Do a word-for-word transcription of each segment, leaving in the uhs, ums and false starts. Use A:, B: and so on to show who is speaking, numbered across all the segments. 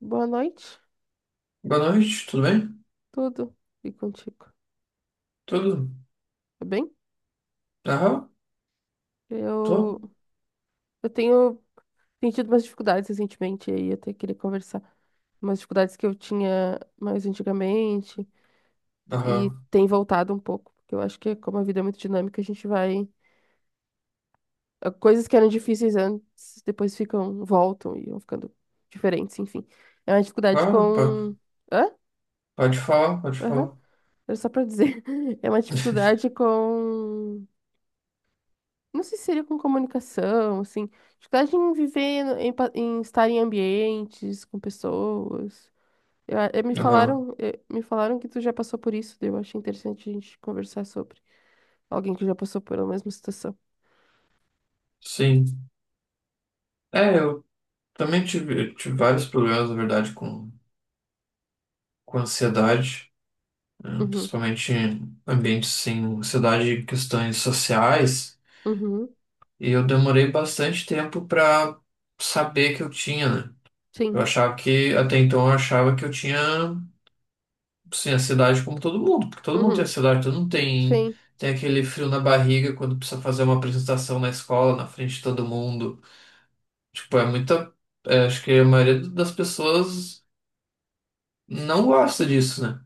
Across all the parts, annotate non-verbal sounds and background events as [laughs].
A: Boa noite,
B: Boa noite, tudo bem?
A: tudo e contigo,
B: Tudo?
A: tá bem?
B: Aham, tô.
A: Eu, eu tenho sentido umas dificuldades recentemente, e aí eu até queria conversar. Umas dificuldades que eu tinha mais antigamente e
B: Aham,
A: tem voltado um pouco, porque eu acho que é como a vida é muito dinâmica, a gente vai... ah, Coisas que eram difíceis antes, depois ficam, voltam e vão ficando diferentes, enfim. É uma dificuldade
B: claro, pode,
A: com... Hã?
B: pode falar, pode
A: Aham.
B: falar.
A: Era só pra dizer. [laughs] É uma
B: [laughs]
A: dificuldade com... Não sei se seria com comunicação, assim. Dificuldade em viver, no- em, pa- em estar em ambientes, com pessoas. Eu, eu- me
B: Aham,
A: falaram, eh, me falaram que tu já passou por isso, daí eu achei interessante a gente conversar sobre alguém que já passou pela mesma situação.
B: sim. É, eu também tive, tive vários problemas, na verdade, com, com ansiedade, né?
A: Uhum,
B: Principalmente em ambientes sem ansiedade e questões sociais.
A: uhum,
B: E eu demorei bastante tempo para saber que eu tinha, né? Eu
A: sim,
B: achava que, até então, eu achava que eu tinha. Sim, a cidade como todo mundo, porque todo mundo tem a
A: uhum,
B: cidade, todo mundo tem,
A: sim.
B: tem aquele frio na barriga quando precisa fazer uma apresentação na escola, na frente de todo mundo. Tipo, é muita. É, acho que a maioria das pessoas não gosta disso, né?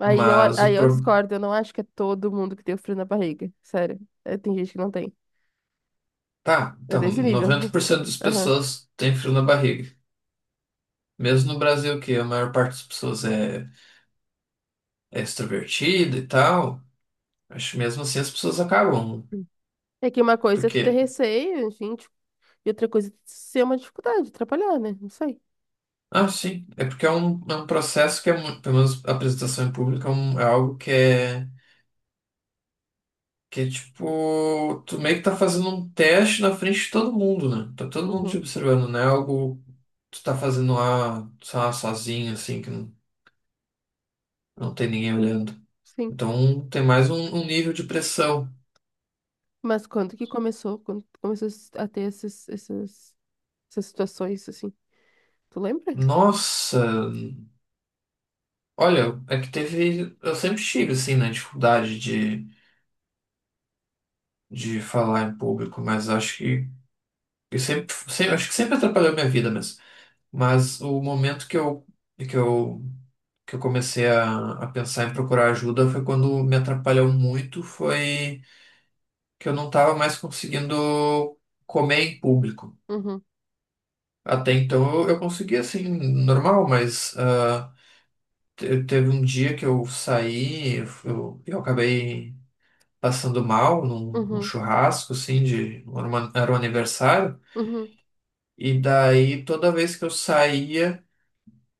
A: Aí eu,
B: Mas
A: aí
B: o
A: eu
B: pro...
A: discordo, eu não acho que é todo mundo que tem o frio na barriga, sério. Eh, Tem gente que não tem.
B: Tá,
A: É
B: então
A: desse nível.
B: noventa
A: [laughs]
B: por cento das
A: Aham.
B: pessoas tem frio na barriga. Mesmo no Brasil, que a maior parte das pessoas é, é extrovertida e tal, acho que mesmo assim as pessoas acabam.
A: É que uma coisa é ter
B: Porque
A: receio, gente, e outra coisa é ser uma dificuldade, atrapalhar, né? Não sei.
B: Ah, sim. É porque é um, é um processo que é, mu- pelo menos a apresentação em público, é, um- é algo que é, que é tipo, tu meio que tá fazendo um teste na frente de todo mundo, né? Tá todo mundo te
A: Uhum,
B: observando, né? Algo que tu tá fazendo lá, sei lá, sozinho, assim, que não, não tem ninguém olhando.
A: sim.
B: Então tem mais um, um nível de pressão.
A: Mas quando que começou? Quando tu começou a ter esses, essas essas situações, assim? Tu lembra?
B: Nossa, olha, é que teve. Eu sempre tive, assim, né, dificuldade de, de falar em público, mas acho que, que sempre, sempre, acho que sempre atrapalhou minha vida mesmo. Mas o momento que eu, que eu, que eu comecei a, a pensar em procurar ajuda foi quando me atrapalhou muito, foi que eu não estava mais conseguindo comer em público.
A: Uhum,
B: Até então eu, eu conseguia assim, normal, mas ah, te- teve um dia que eu saí, eu, eu eu acabei passando mal num, num
A: uhum,
B: churrasco, assim, de, era uma- era um aniversário,
A: uhum,
B: e daí toda vez que eu saía,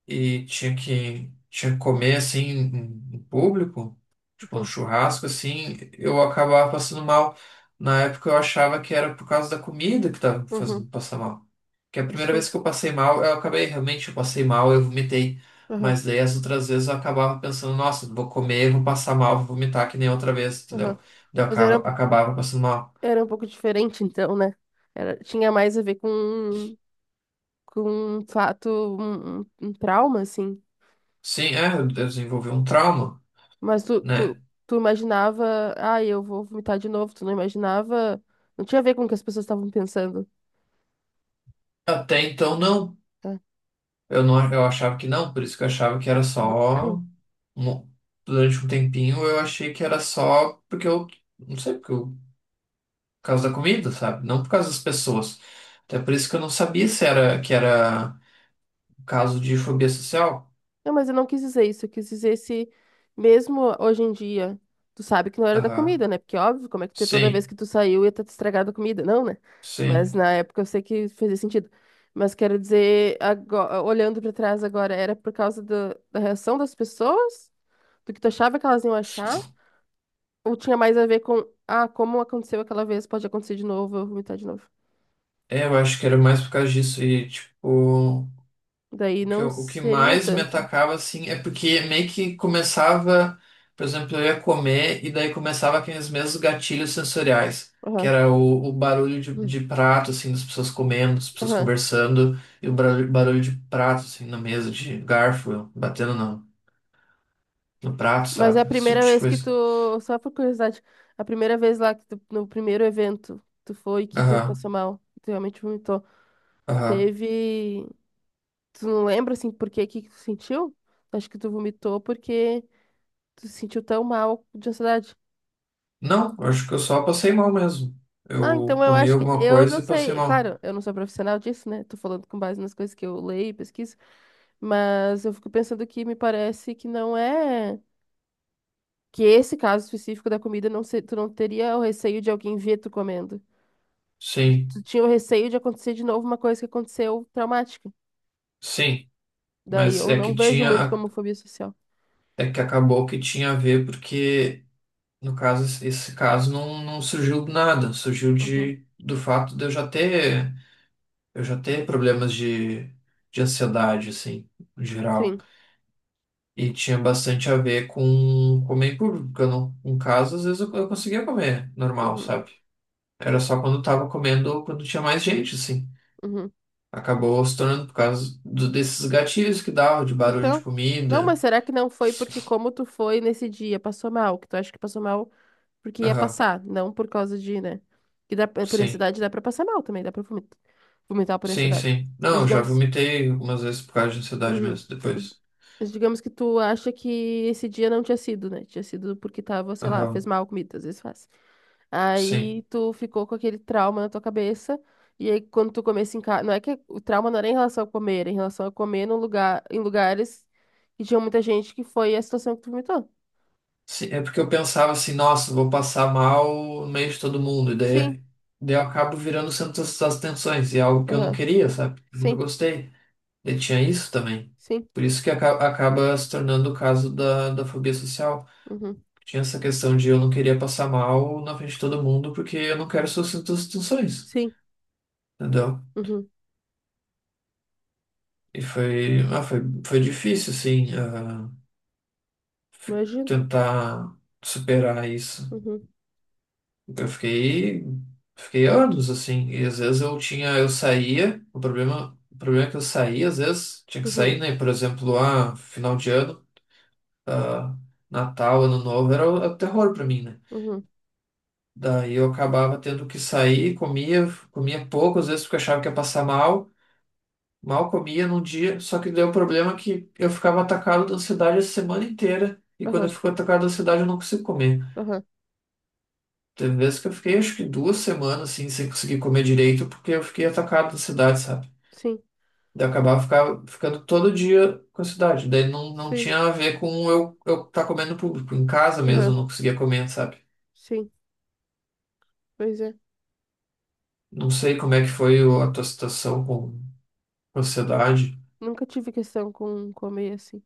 B: e tinha que, tinha que comer assim em, em público, tipo um
A: uhum,
B: churrasco assim, eu acabava passando mal. Na época eu achava que era por causa da comida que estava
A: uhum,
B: fazendo passar mal. Que a primeira vez
A: sim.
B: que eu passei mal, eu acabei realmente, eu passei mal, eu vomitei.
A: Aham,
B: Mas daí as outras vezes eu acabava pensando, nossa, vou comer, vou passar mal, vou vomitar que nem outra vez,
A: aham.
B: entendeu? Daí eu
A: Mas era, um-
B: acaba- acabava passando mal.
A: era um pouco diferente, então, né? Era, tinha mais a ver com, com um fato, um, um- um trauma, assim.
B: Sim, é, eu desenvolvi um trauma,
A: Mas tu, tu,
B: né?
A: tu imaginava, ah, eu vou vomitar de novo. Tu não imaginava. Não tinha a ver com o que as pessoas estavam pensando.
B: Até então não. Eu não, eu achava que não, por isso que eu achava que era
A: Tá.
B: só, mo- durante um tempinho eu achei que era só porque eu, não sei, porque eu, por causa da comida, sabe? Não por causa das pessoas. Até por isso que eu não sabia se era, que era um caso de fobia social.
A: Não, mas eu não quis dizer isso. Eu quis dizer se, mesmo hoje em dia, tu sabe que não era da
B: Aham.
A: comida, né? Porque, óbvio, como é que tu- toda
B: Sim,
A: vez que tu saiu ia estar estragado a comida? Não, né?
B: sim.
A: Mas na época eu sei que fazia sentido. Mas quero dizer, agora, olhando pra trás agora, era por causa da da reação das pessoas? Do que tu achava que elas iam achar? Ou tinha mais a ver com, ah, como aconteceu aquela vez, pode acontecer de novo, eu vou vomitar de novo.
B: É, eu acho que era mais por causa disso e, tipo.
A: Daí
B: O que,
A: não
B: eu- o que
A: seria
B: mais me
A: tanto, né?
B: atacava, assim, é porque meio que começava, por exemplo, eu ia comer e daí começava aqueles mesmos gatilhos sensoriais, que
A: Aham.
B: era o, o barulho de,
A: Hum.
B: de prato, assim, das pessoas comendo, das pessoas
A: Aham.
B: conversando, e o barulho, barulho de prato, assim, na mesa, de garfo, batendo no, no prato,
A: Mas é a
B: sabe? Esse tipo
A: primeira
B: de
A: vez que tu,
B: coisa.
A: só por curiosidade, a primeira vez lá que tu, no primeiro evento tu foi que tu
B: Aham,
A: passou mal, que tu realmente vomitou.
B: aham.
A: Teve, tu não lembra assim por que que tu sentiu? Acho que tu vomitou porque tu se sentiu tão mal de ansiedade.
B: Não, eu acho que eu só passei mal mesmo.
A: Ah,
B: Eu
A: então eu
B: comi
A: acho que
B: alguma
A: eu não
B: coisa e passei
A: sei,
B: mal.
A: claro, eu não sou profissional disso, né? Tô falando com base nas coisas que eu leio e pesquiso, mas eu fico pensando que me parece que não é que esse caso específico da comida não se, tu não teria o receio de alguém ver tu comendo. Tu
B: Sim,
A: tinha o receio de acontecer de novo uma coisa que aconteceu traumática.
B: sim.
A: Daí
B: Mas
A: eu
B: é que
A: não vejo muito
B: tinha.
A: como fobia social.
B: É que acabou que tinha a ver porque, no caso, esse esse caso não, não surgiu do nada, surgiu
A: Uhum.
B: de, do fato de eu já ter, eu já ter problemas de, de ansiedade, assim, em geral.
A: Sim.
B: E tinha bastante a ver com comer em público, porque eu não, em casa, às vezes eu, eu conseguia comer normal,
A: Uhum.
B: sabe? Era só quando eu tava comendo ou quando tinha mais gente, assim.
A: Uhum.
B: Acabou se tornando por causa do, desses gatilhos que dava, de barulho de
A: Então, não,
B: comida.
A: mas será que não foi porque como tu foi nesse dia, passou mal, que tu acha que passou mal porque ia
B: Aham,
A: passar, não por causa de, né? Que dá, por
B: sim.
A: ansiedade dá pra passar mal também, dá pra vomitar, vomitar por
B: Sim,
A: ansiedade.
B: sim. Não,
A: Mas
B: eu já
A: digamos.
B: vomitei algumas vezes por causa de ansiedade
A: Uhum.
B: mesmo, depois.
A: Mas digamos que tu acha que esse dia não tinha sido, né? Tinha sido porque tava, sei lá, fez
B: Aham,
A: mal a comida, às vezes faz.
B: sim.
A: Aí tu ficou com aquele trauma na tua cabeça. E aí quando tu comesse em casa, não é que o trauma não era em relação a comer, era em relação a comer num lugar, em lugares que tinha muita gente que foi a situação que tu vomitou.
B: Sim, é porque eu pensava assim, nossa, vou passar mal no meio de todo mundo, e
A: Sim.
B: daí, daí eu acabo virando o centro das das atenções, e é algo que eu não
A: Aham.
B: queria, sabe? Eu nunca
A: Sim.
B: gostei. E tinha isso também.
A: Sim.
B: Por isso que aca- acaba se tornando o caso da, da fobia social.
A: Uhum.
B: Tinha essa questão de eu não queria passar mal na frente de todo mundo, porque eu não quero ser o centro das atenções,
A: Sim.
B: entendeu?
A: Uhum.
B: E foi, ah, foi, foi difícil, assim. ah, f-
A: Imagino.
B: tentar superar isso.
A: Uhum.
B: Eu fiquei, fiquei anos assim, e às vezes eu tinha, eu saía, o problema, o problema, é que eu saía, às vezes tinha que sair,
A: Uhum.
B: né? Por exemplo, ah, final de ano, ah, Natal, Ano Novo, era o, era o terror pra mim, né?
A: Uhum.
B: Daí eu acabava tendo que sair, comia, comia pouco, às vezes porque eu achava que ia passar mal, mal comia num dia, só que deu o problema é que eu ficava atacado da ansiedade a semana inteira, e quando eu
A: Aham.
B: fico atacado da ansiedade eu não consigo comer.
A: Aham.
B: Teve vezes que eu fiquei acho que duas semanas assim, sem conseguir comer direito, porque eu fiquei atacado da cidade, sabe?
A: Sim.
B: Daí eu acabava ficar, ficando todo dia com a cidade. Daí não, não
A: Sim.
B: tinha a ver com eu eu tá comendo público. Em casa mesmo eu
A: Aham.
B: não conseguia comer, sabe?
A: Sim. Pois é.
B: Não sei como é que foi o- a tua situação com com a ansiedade.
A: Nunca tive questão com comer assim.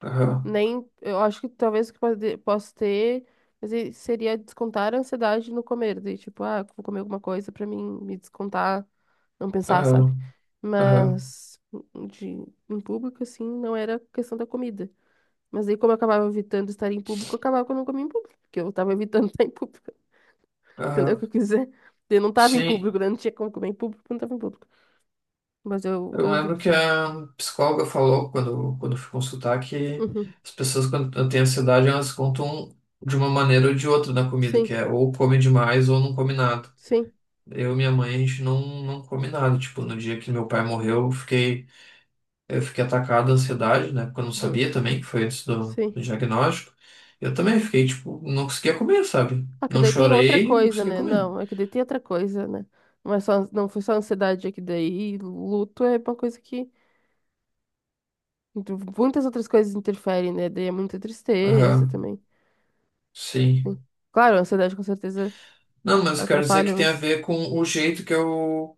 B: Aham,
A: Nem, eu acho que talvez o que pode- posso ter, mas aí seria descontar a ansiedade no comer. Daí, tipo, ah, vou comer alguma coisa pra mim me descontar, não pensar, sabe?
B: aham, aham,
A: Mas hum, de, em público, assim, não era questão da comida. Mas aí, como eu acabava evitando estar em público, eu acabava que eu não comia em público, porque eu tava evitando [laughs] estar em público. Entendeu o
B: aham.
A: que eu quis dizer? Eu não tava em
B: Sim,
A: público, né? Não tinha como comer em público, porque eu não tava em público. Mas eu,
B: eu
A: eu vi.
B: lembro que a psicóloga falou quando, quando eu fui consultar que
A: Uhum.
B: as pessoas quando têm ansiedade elas contam de uma maneira ou de outra na comida, que
A: Sim,
B: é ou come demais ou não come nada.
A: sim.
B: Eu e minha mãe, a gente não, não come nada. Tipo, no dia que meu pai morreu, eu fiquei, eu fiquei atacado da ansiedade, né? Porque eu não
A: Uhum.
B: sabia também, que foi antes do, do
A: Sim.
B: diagnóstico. Eu também fiquei, tipo, não conseguia comer, sabe?
A: Ah, que
B: Não
A: daí tem outra
B: chorei, não
A: coisa,
B: conseguia
A: né?
B: comer.
A: Não, é que daí tem outra coisa, né? Não é só, não foi só ansiedade, é que daí luto é uma coisa que muitas outras coisas interferem, né? Daí é muita tristeza
B: Aham,
A: também.
B: sim.
A: Sim. Claro, a ansiedade com certeza
B: Não, mas eu quero dizer
A: atrapalha,
B: que tem a
A: mas
B: ver com o jeito que eu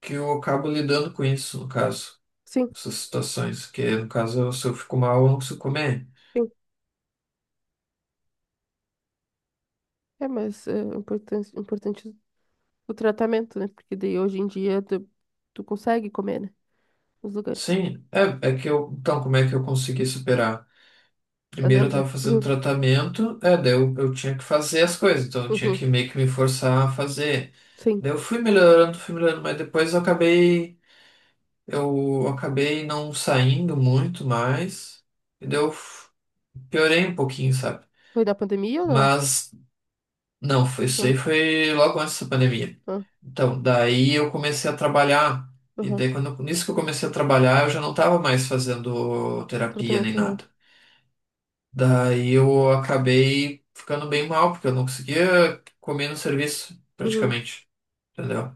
B: que eu acabo lidando com isso, no caso,
A: sim,
B: essas situações, que no caso, se eu fico mal, eu não consigo comer.
A: sim. É, mas é importante, importante o tratamento, né? Porque daí hoje em dia tu, tu consegue comer, né? Nos lugares.
B: Sim, é, é que eu. Então, como é que eu consegui superar? Primeiro eu
A: Fazenda.
B: tava fazendo
A: Uhum,
B: tratamento, é, daí eu, eu tinha que fazer as coisas, então eu tinha
A: uhum,
B: que meio que me forçar a fazer.
A: sim.
B: Daí eu fui melhorando, fui melhorando, mas depois eu acabei. Eu acabei não saindo muito mais, e daí eu f- piorei um pouquinho, sabe?
A: Foi da pandemia ou não?
B: Mas. Não, foi isso
A: Não,
B: aí, foi logo antes da pandemia.
A: não.
B: Então, daí eu comecei a trabalhar, e
A: Uhum.
B: daí quando, nisso que eu comecei a trabalhar, eu já não estava mais fazendo
A: O
B: terapia nem
A: tratamento, uhum.
B: nada. Daí eu acabei ficando bem mal, porque eu não conseguia comer no serviço,
A: Uhum,
B: praticamente, entendeu?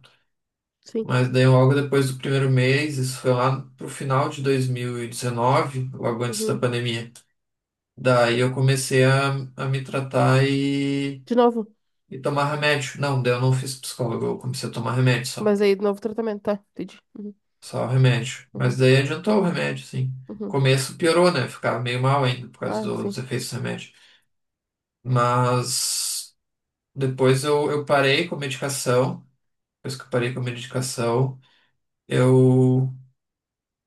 A: sim.
B: Mas daí logo depois do primeiro mês, isso foi lá pro final de dois mil e dezenove, logo antes da
A: Uhum.
B: pandemia. Daí eu comecei a, a me tratar
A: De novo.
B: e tomar remédio. Não, daí eu não fiz psicólogo, eu comecei a tomar remédio só.
A: Mas aí, de novo tratamento, tá? Entendi. Uhum,
B: Só o remédio. Mas
A: uhum,
B: daí adiantou o remédio, sim. No
A: uhum.
B: começo piorou, né? Ficava meio mal ainda por causa
A: Ah,
B: do- dos
A: sim.
B: efeitos do remédio. Mas depois eu, eu parei com a medicação. Depois que eu parei com a medicação, eu,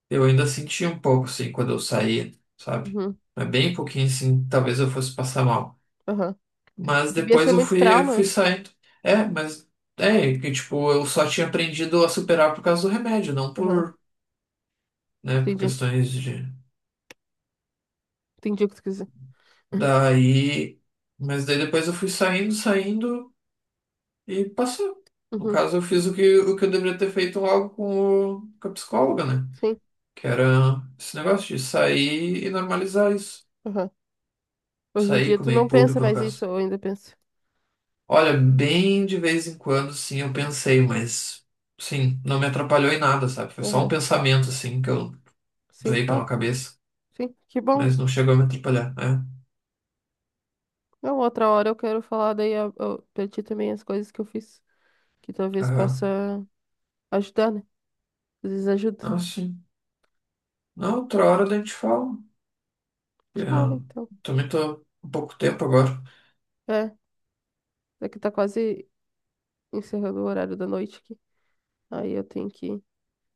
B: eu ainda sentia um pouco, assim, quando eu saía, sabe?
A: Uhum,
B: Mas bem pouquinho, assim, talvez eu fosse passar mal.
A: aham.
B: Mas
A: Devia
B: depois
A: ser
B: eu
A: muito
B: fui, eu
A: trauma.
B: fui
A: né?
B: saindo. É, mas é que tipo, eu só tinha aprendido a superar por causa do remédio, não
A: Aham,
B: por, né, por
A: entendi.
B: questões de.
A: Entendi o que tu quis dizer. Uhum,
B: Daí, mas daí depois eu fui saindo, saindo e passou. No
A: uhum,
B: caso, eu fiz o que, o que, eu deveria ter feito logo com, o, com a psicóloga, né?
A: sim.
B: Que era esse negócio de sair e normalizar isso.
A: Aham. Hoje em
B: Sair,
A: dia tu
B: comer em
A: não pensa
B: público, no
A: mais isso,
B: caso.
A: ou ainda pensa?
B: Olha, bem de vez em quando, sim, eu pensei, mas sim, não me atrapalhou em nada, sabe? Foi só um
A: Aham,
B: pensamento, assim, que eu
A: sim.
B: veio
A: Ah,
B: pela cabeça,
A: sim. Que bom.
B: mas não chegou a me atrapalhar, né?
A: Não, outra hora eu quero falar daí a, a, pra ti também as coisas que eu fiz. Que talvez
B: Aham.
A: possa ajudar, né? Às vezes ajuda.
B: Ah, sim. Na outra hora daí a gente fala.
A: Tchau,
B: Eu
A: então.
B: também tô um pouco tempo agora.
A: É, é que tá quase encerrando o horário da noite aqui. Aí eu tenho que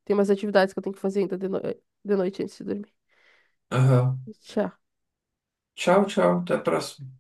A: tem umas atividades que eu tenho que fazer ainda de, no- eh, de noite antes de dormir.
B: Aham.
A: Tchau.
B: Tchau, tchau, até a próxima.